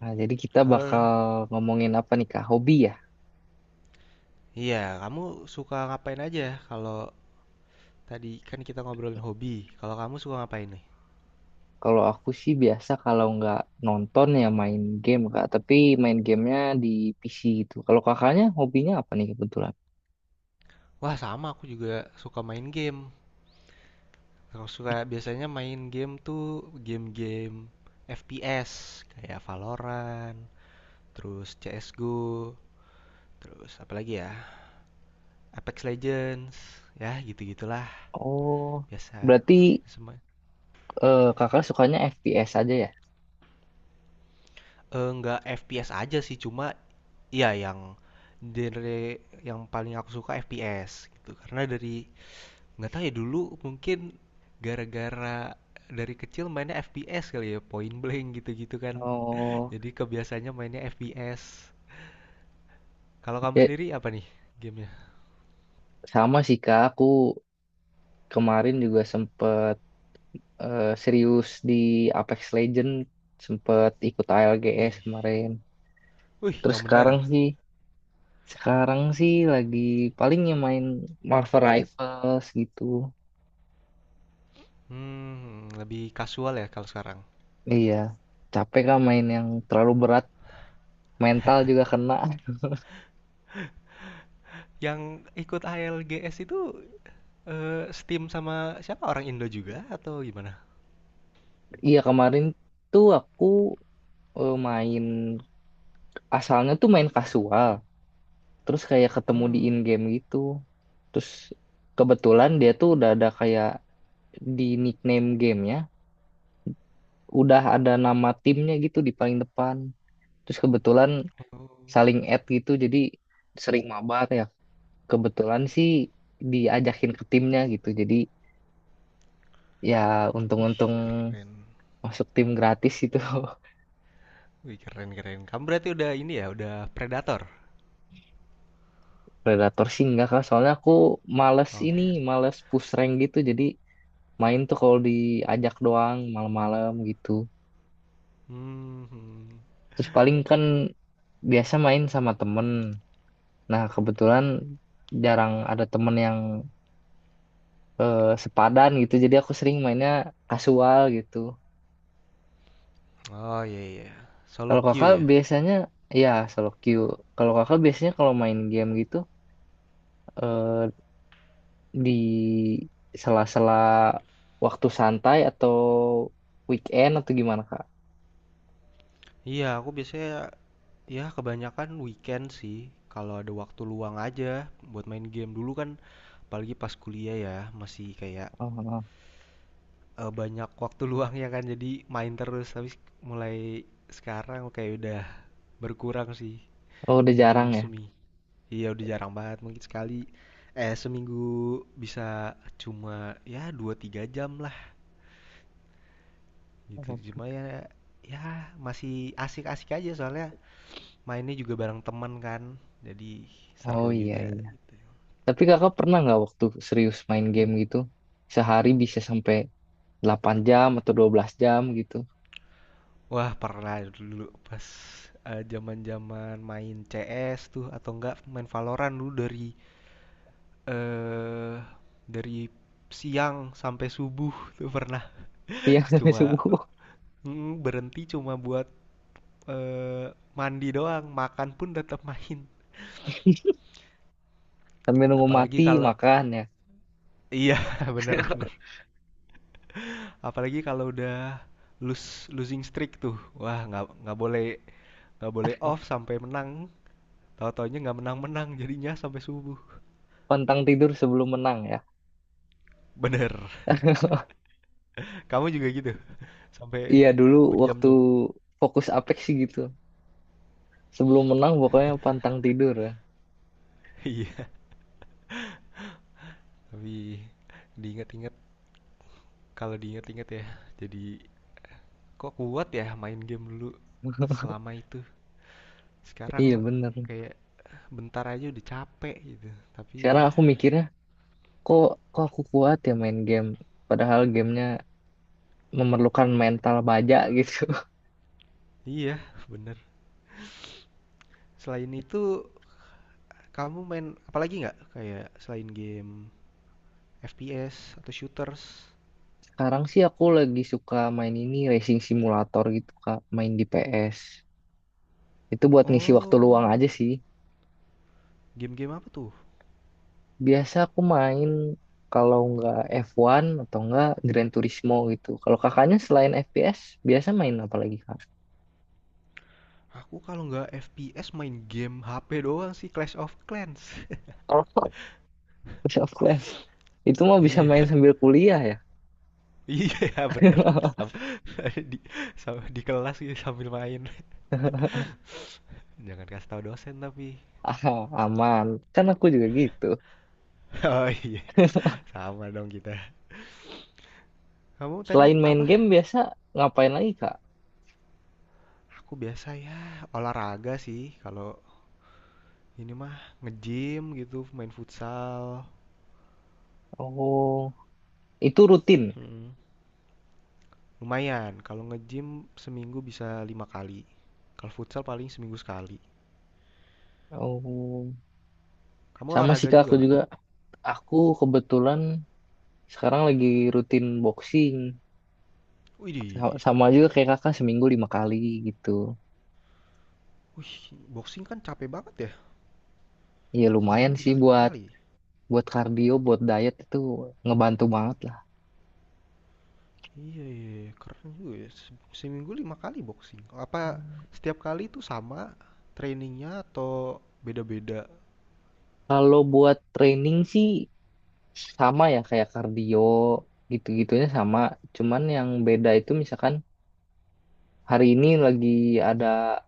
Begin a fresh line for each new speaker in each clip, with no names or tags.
Nah, jadi kita
Halo.
bakal ngomongin apa nih Kak? Hobi ya?
Iya, kamu suka ngapain aja? Kalau tadi kan kita ngobrolin hobi. Kalau kamu suka ngapain nih?
Kalau aku sih biasa kalau nggak nonton ya main game Kak. Tapi main gamenya di PC gitu. Kalau kakaknya hobinya apa nih kebetulan?
Wah, sama aku juga suka main game. Aku suka biasanya main game tuh game-game FPS kayak Valorant, terus CS:GO, terus apa lagi ya? Apex Legends, ya gitu-gitulah.
Oh,
Biasa
berarti
semua.
kakak sukanya FPS aja ya?
Eh, nggak FPS aja sih, cuma iya yang genre yang paling aku suka FPS gitu. Karena dari nggak tahu ya dulu mungkin gara-gara dari kecil mainnya FPS kali ya point blank gitu-gitu kan,
Oh,
jadi kebiasaannya mainnya FPS. Kalau kamu
ya
sendiri apa nih gamenya?
sama sih Kak. Aku kemarin juga sempet serius di Apex Legend. Sempet ikut ALGS
Wih.
kemarin.
Wih,
Terus
yang
sekarang
bener?
sih Sekarang sih lagi paling yang main Marvel Rivals gitu.
Lebih casual ya kalau sekarang.
Iya, capek kah main yang terlalu berat, mental juga kena.
Yang ikut ALGS itu eh, Steam sama siapa, orang Indo juga atau gimana?
Iya, kemarin tuh aku eh, main asalnya tuh main kasual, terus kayak ketemu di
Hmm.
in-game gitu. Terus kebetulan dia tuh udah ada kayak di nickname gamenya, udah ada nama timnya gitu di paling depan. Terus kebetulan
Oh.
saling add gitu, jadi sering mabar ya, kebetulan sih diajakin ke timnya gitu. Jadi ya
Wih,
untung-untung
keren.
masuk tim gratis itu.
Wih, keren keren, kamu berarti udah ini ya, udah Predator?
Predator sih enggak kak, soalnya aku males
Oh.
ini, males push rank gitu. Jadi main tuh kalau diajak doang malam-malam gitu.
Hmm.
Terus paling kan biasa main sama temen. Nah kebetulan jarang ada temen yang sepadan gitu. Jadi aku sering mainnya kasual gitu.
Oh, iya iya. Solo
Kalau kakak
queue ya?
biasanya ya solo queue. Kalau kakak biasanya kalau main game gitu eh, di sela-sela waktu santai atau weekend atau gimana Kak?
Iya, aku biasanya ya kebanyakan weekend sih. Kalau ada waktu luang aja buat main game dulu kan, apalagi pas kuliah ya masih kayak
Oh, oh.
banyak waktu luang ya kan, jadi main terus. Tapi mulai sekarang kayak udah berkurang sih.
Oh, udah jarang
Mungkin
ya.
semi. Iya, udah jarang banget, mungkin sekali eh seminggu bisa cuma ya 2 3 jam lah gitu.
Oh,
Cuma ya ya masih asik-asik aja, soalnya mainnya juga bareng teman kan, jadi
oh,
seru
iya
juga.
iya. Tapi Kakak pernah nggak waktu serius main game gitu? Sehari bisa sampai 8 jam atau 12 jam gitu.
Wah, pernah dulu pas zaman zaman main CS tuh, atau enggak main Valorant dulu, eh dari siang sampai subuh tuh pernah.
Siang sampai
Cuma
subuh.
berhenti cuma buat eh, mandi doang, makan pun tetap main.
Sampai nunggu
Apalagi
mati
kalau
makan ya.
iya, benar-benar. Apalagi kalau udah losing streak tuh, wah nggak boleh, nggak boleh off sampai menang. Tahu-tahunya nggak menang-menang jadinya sampai subuh.
Pantang tidur sebelum menang ya.
Bener. Kamu juga gitu? Sampai
Iya dulu waktu
berjam-jam.
fokus Apex sih gitu. Sebelum menang pokoknya pantang tidur ya.
Iya. Tapi diingat-ingat, kalau diingat-ingat ya, jadi kok kuat ya main game dulu selama itu. Sekarang
Iya bener.
kayak bentar aja udah capek gitu. Tapi
Sekarang
ya,
aku mikirnya, kok kok aku kuat ya main game? Padahal gamenya memerlukan mental baja gitu.
iya, bener. Selain itu, kamu main apalagi nggak? Kayak selain game FPS atau shooters?
Sekarang sih aku lagi suka main ini racing simulator gitu Kak, main di PS. Itu buat ngisi waktu
Oh,
luang aja sih.
game-game apa tuh?
Biasa aku main kalau nggak F1 atau nggak Gran Turismo gitu. Kalau kakaknya selain FPS, biasa main apa lagi Kak?
Aku kalau nggak FPS main game HP doang sih, Clash of Clans.
Kalau Clash of Clans, itu mah bisa
Iya,
main sambil kuliah ya.
iya bener. Di, di kelas gitu sambil main. Jangan kasih tahu dosen tapi.
Ah, aman. Kan aku juga gitu.
Oh iya, sama dong kita. Kamu tadi
Selain main
apa?
game biasa ngapain lagi Kak?
Aku biasa ya olahraga sih. Kalau ini mah nge-gym gitu, main futsal.
Oh, itu rutin.
Mm-mm. Lumayan. Kalau nge-gym seminggu bisa 5 kali. Kalau futsal paling seminggu sekali.
Oh,
Kamu
sama sih
olahraga
Kak
juga
aku
nggak?
juga. Aku kebetulan sekarang lagi rutin boxing.
Widih,
Sama juga
keren.
kayak Kakak seminggu 5 kali gitu.
Wih, boxing kan capek banget ya.
Iya
Seminggu
lumayan sih
bisa lima
buat
kali.
buat kardio, buat diet itu ngebantu banget lah.
Iya, iya, iya. Keren juga ya. Seminggu 5 kali boxing. Apa setiap kali itu sama trainingnya atau beda-beda?
Kalau buat training sih sama ya kayak kardio gitu-gitunya sama. Cuman yang beda itu misalkan hari ini lagi ada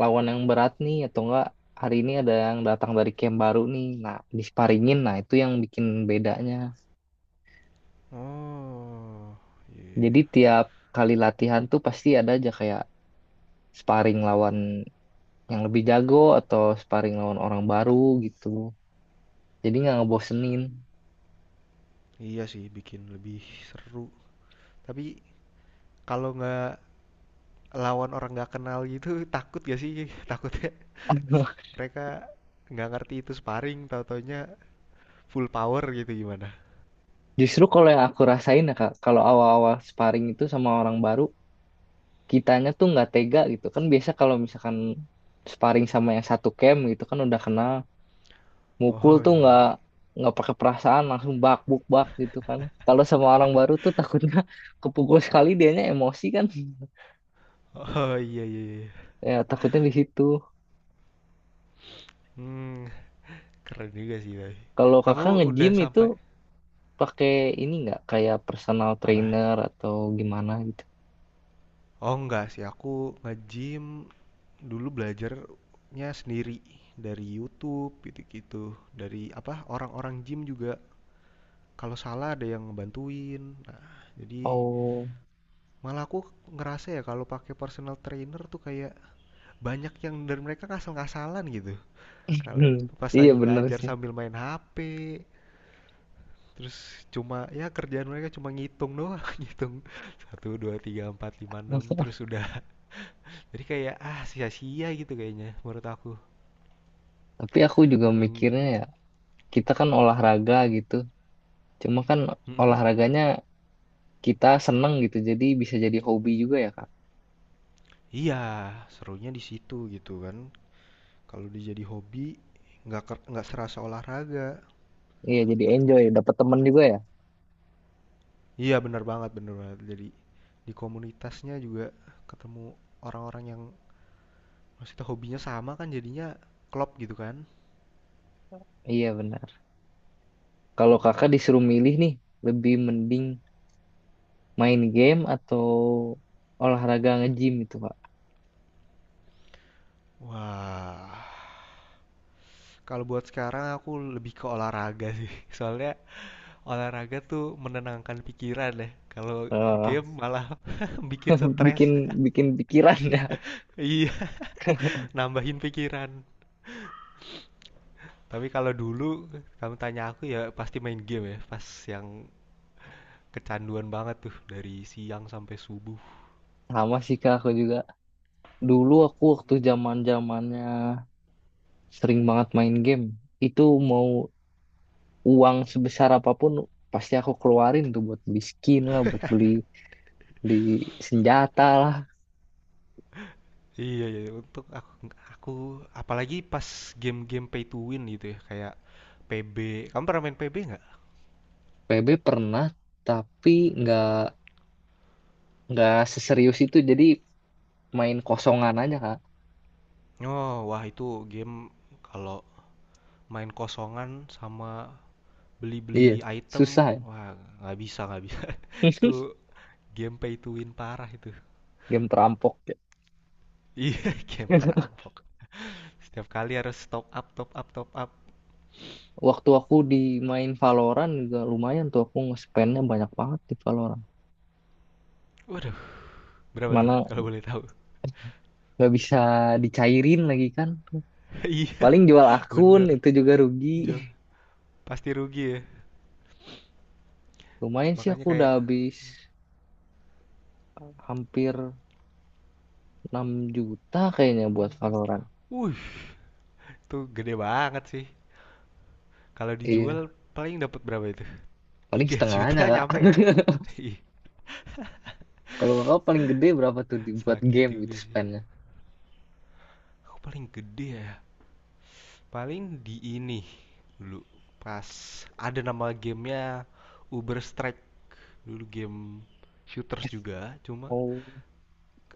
lawan yang berat nih, atau enggak hari ini ada yang datang dari camp baru nih, nah disparingin. Nah itu yang bikin bedanya,
Oh,
jadi
iya.
tiap kali latihan tuh pasti ada aja kayak sparring lawan yang lebih jago atau sparring lawan orang baru gitu, jadi nggak ngebosenin.
Iya sih, bikin lebih seru. Tapi kalau nggak lawan orang nggak kenal gitu, takut gak sih? Takutnya mereka nggak ngerti itu sparring, tau-taunya full power gitu, gimana?
Justru kalau yang aku rasain ya kak, kalau awal-awal sparring itu sama orang baru, kitanya tuh nggak tega gitu kan. Biasa kalau misalkan sparring sama yang satu camp gitu kan udah kenal, mukul
Oh
tuh
iya,
nggak
iya.
nggak pakai perasaan, langsung bak buk bak gitu kan. Kalau sama orang baru tuh takutnya kepukul sekali dianya emosi kan.
Oh iya, iya, iya.
Ya takutnya di situ.
Hmm, keren juga sih tapi.
Kalau
Kamu
kakak
udah
nge-gym itu
sampai
pakai ini nggak kayak personal
apa tuh?
trainer atau gimana gitu?
Oh enggak sih, aku nge-gym dulu belajarnya sendiri dari YouTube gitu-gitu, dari apa orang-orang gym juga. Kalau salah ada yang ngebantuin. Nah, jadi
Oh.
malah aku ngerasa ya kalau pakai personal trainer tuh kayak banyak yang dari mereka ngasal-ngasalan gitu. Kalau pas
Iya
lagi
bener
ngajar
sih.
sambil main HP, terus cuma ya kerjaan mereka cuma ngitung doang, ngitung satu 2 3 4 5 6 terus udah. Jadi kayak ah sia-sia gitu kayaknya menurut aku.
Tapi aku juga
Mending.
mikirnya ya, kita kan olahraga gitu, cuma kan
Mhm.
olahraganya kita seneng gitu, jadi bisa jadi hobi juga ya kak.
Iya, serunya di situ gitu kan. Kalau dia jadi hobi nggak serasa olahraga.
Iya, jadi enjoy, dapat temen juga ya.
Iya benar banget benar banget. Jadi di komunitasnya juga ketemu orang-orang yang maksudnya hobinya sama kan, jadinya klop gitu kan.
Iya bener. Kalau
Hmm.
kakak disuruh milih nih, lebih mending main game atau olahraga nge-gym itu, Pak.
Wah. Kalau buat sekarang aku lebih ke olahraga sih. Soalnya olahraga tuh menenangkan pikiran ya. Kalau
Eh,
game malah bikin stres.
bikin bikin pikiran ya.
Iya, nambahin pikiran. Tapi kalau dulu kamu tanya aku ya pasti main game ya. Pas yang kecanduan banget tuh dari siang sampai subuh.
Sama sih kak aku juga. Dulu aku waktu zaman zamannya sering banget main game. Itu mau uang sebesar apapun pasti aku keluarin tuh buat beli skin lah, buat beli beli senjata lah.
Iya, iya. Untuk aku, apalagi pas game-game pay to win gitu ya. Kayak PB. Kamu pernah main PB nggak?
PB pernah, tapi nggak nggak seserius itu. Jadi main kosongan aja kak.
Oh, wah itu game kalau main kosongan sama beli-beli
Iya,
item,
susah ya.
wah nggak bisa nggak bisa. Itu game pay to win parah itu.
Game perampok ya.
Iya, game perampok. Setiap kali harus top up top up top up.
Waktu aku main Valorant juga lumayan tuh aku nge-spendnya banyak banget di Valorant.
Waduh, berapa tuh,
Mana
kalau boleh tahu?
nggak bisa dicairin lagi kan.
Iya
Paling jual akun
bener,
itu juga rugi.
jual pasti rugi ya,
Lumayan sih
makanya
aku udah
kayak.
habis hampir 6 juta kayaknya buat Valorant.
Wuh, itu gede banget sih. Kalau dijual
Iya,
paling dapat berapa itu?
paling
tiga
setengahnya
juta
kak.
nyampe gak? Ih,
Kalau kakak paling gede berapa tuh dibuat
sakit
game gitu
juga sih.
spendnya?
Aku paling gede ya, paling di ini, dulu pas ada nama gamenya Uber Strike, dulu game shooters juga, cuma
Oh,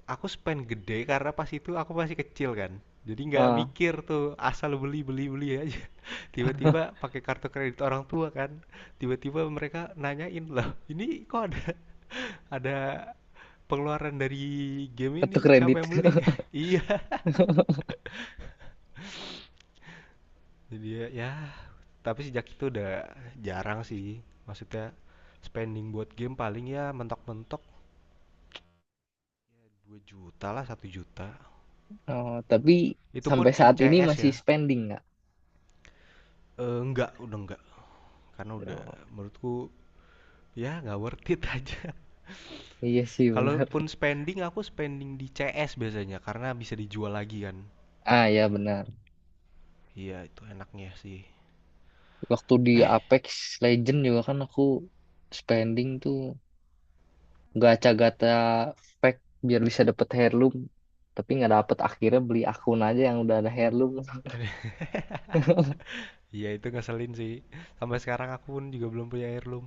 aku spend gede karena pas itu aku masih kecil kan, jadi nggak
ah,
mikir tuh, asal beli beli beli aja. Tiba-tiba pakai kartu kredit orang tua kan, tiba-tiba mereka nanyain, loh ini kok ada ada pengeluaran dari game ini,
kartu
siapa
kredit.
yang beli? Iya, jadi ya, ya, tapi sejak itu udah jarang sih. Maksudnya spending buat game paling ya mentok-mentok 2 juta lah, 1 juta.
Oh, tapi
Itu pun
sampai
di
saat ini
CS
masih
ya.
spending nggak?
Eh, enggak, udah enggak. Karena udah
Oh,
menurutku ya nggak worth it aja.
iya sih benar.
Kalaupun spending aku spending di CS biasanya karena bisa dijual lagi kan.
Ah ya benar.
Iya, itu enaknya sih.
Waktu di
Eh,
Apex Legend juga kan aku spending tuh gacha-gacha pack biar bisa dapet heirloom. Tapi nggak dapet akhirnya beli akun aja yang udah ada heirloom.
iya itu ngeselin sih. Sampai sekarang aku pun juga belum punya heirloom.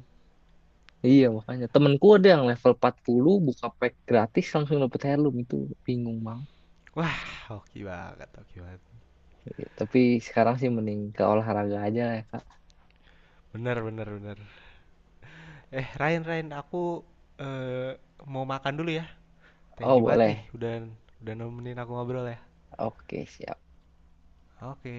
Iya makanya temenku ada yang level 40 buka pack gratis langsung dapet heirloom itu bingung banget.
Wah, oke banget, oke banget.
Iya, tapi sekarang sih mending ke olahraga aja lah ya, Kak.
Bener, bener, bener. Eh, Ryan, Ryan, aku eh, mau makan dulu ya. Thank
Oh
you banget nih,
boleh.
udah nemenin aku ngobrol ya.
Oke siap.
Oke.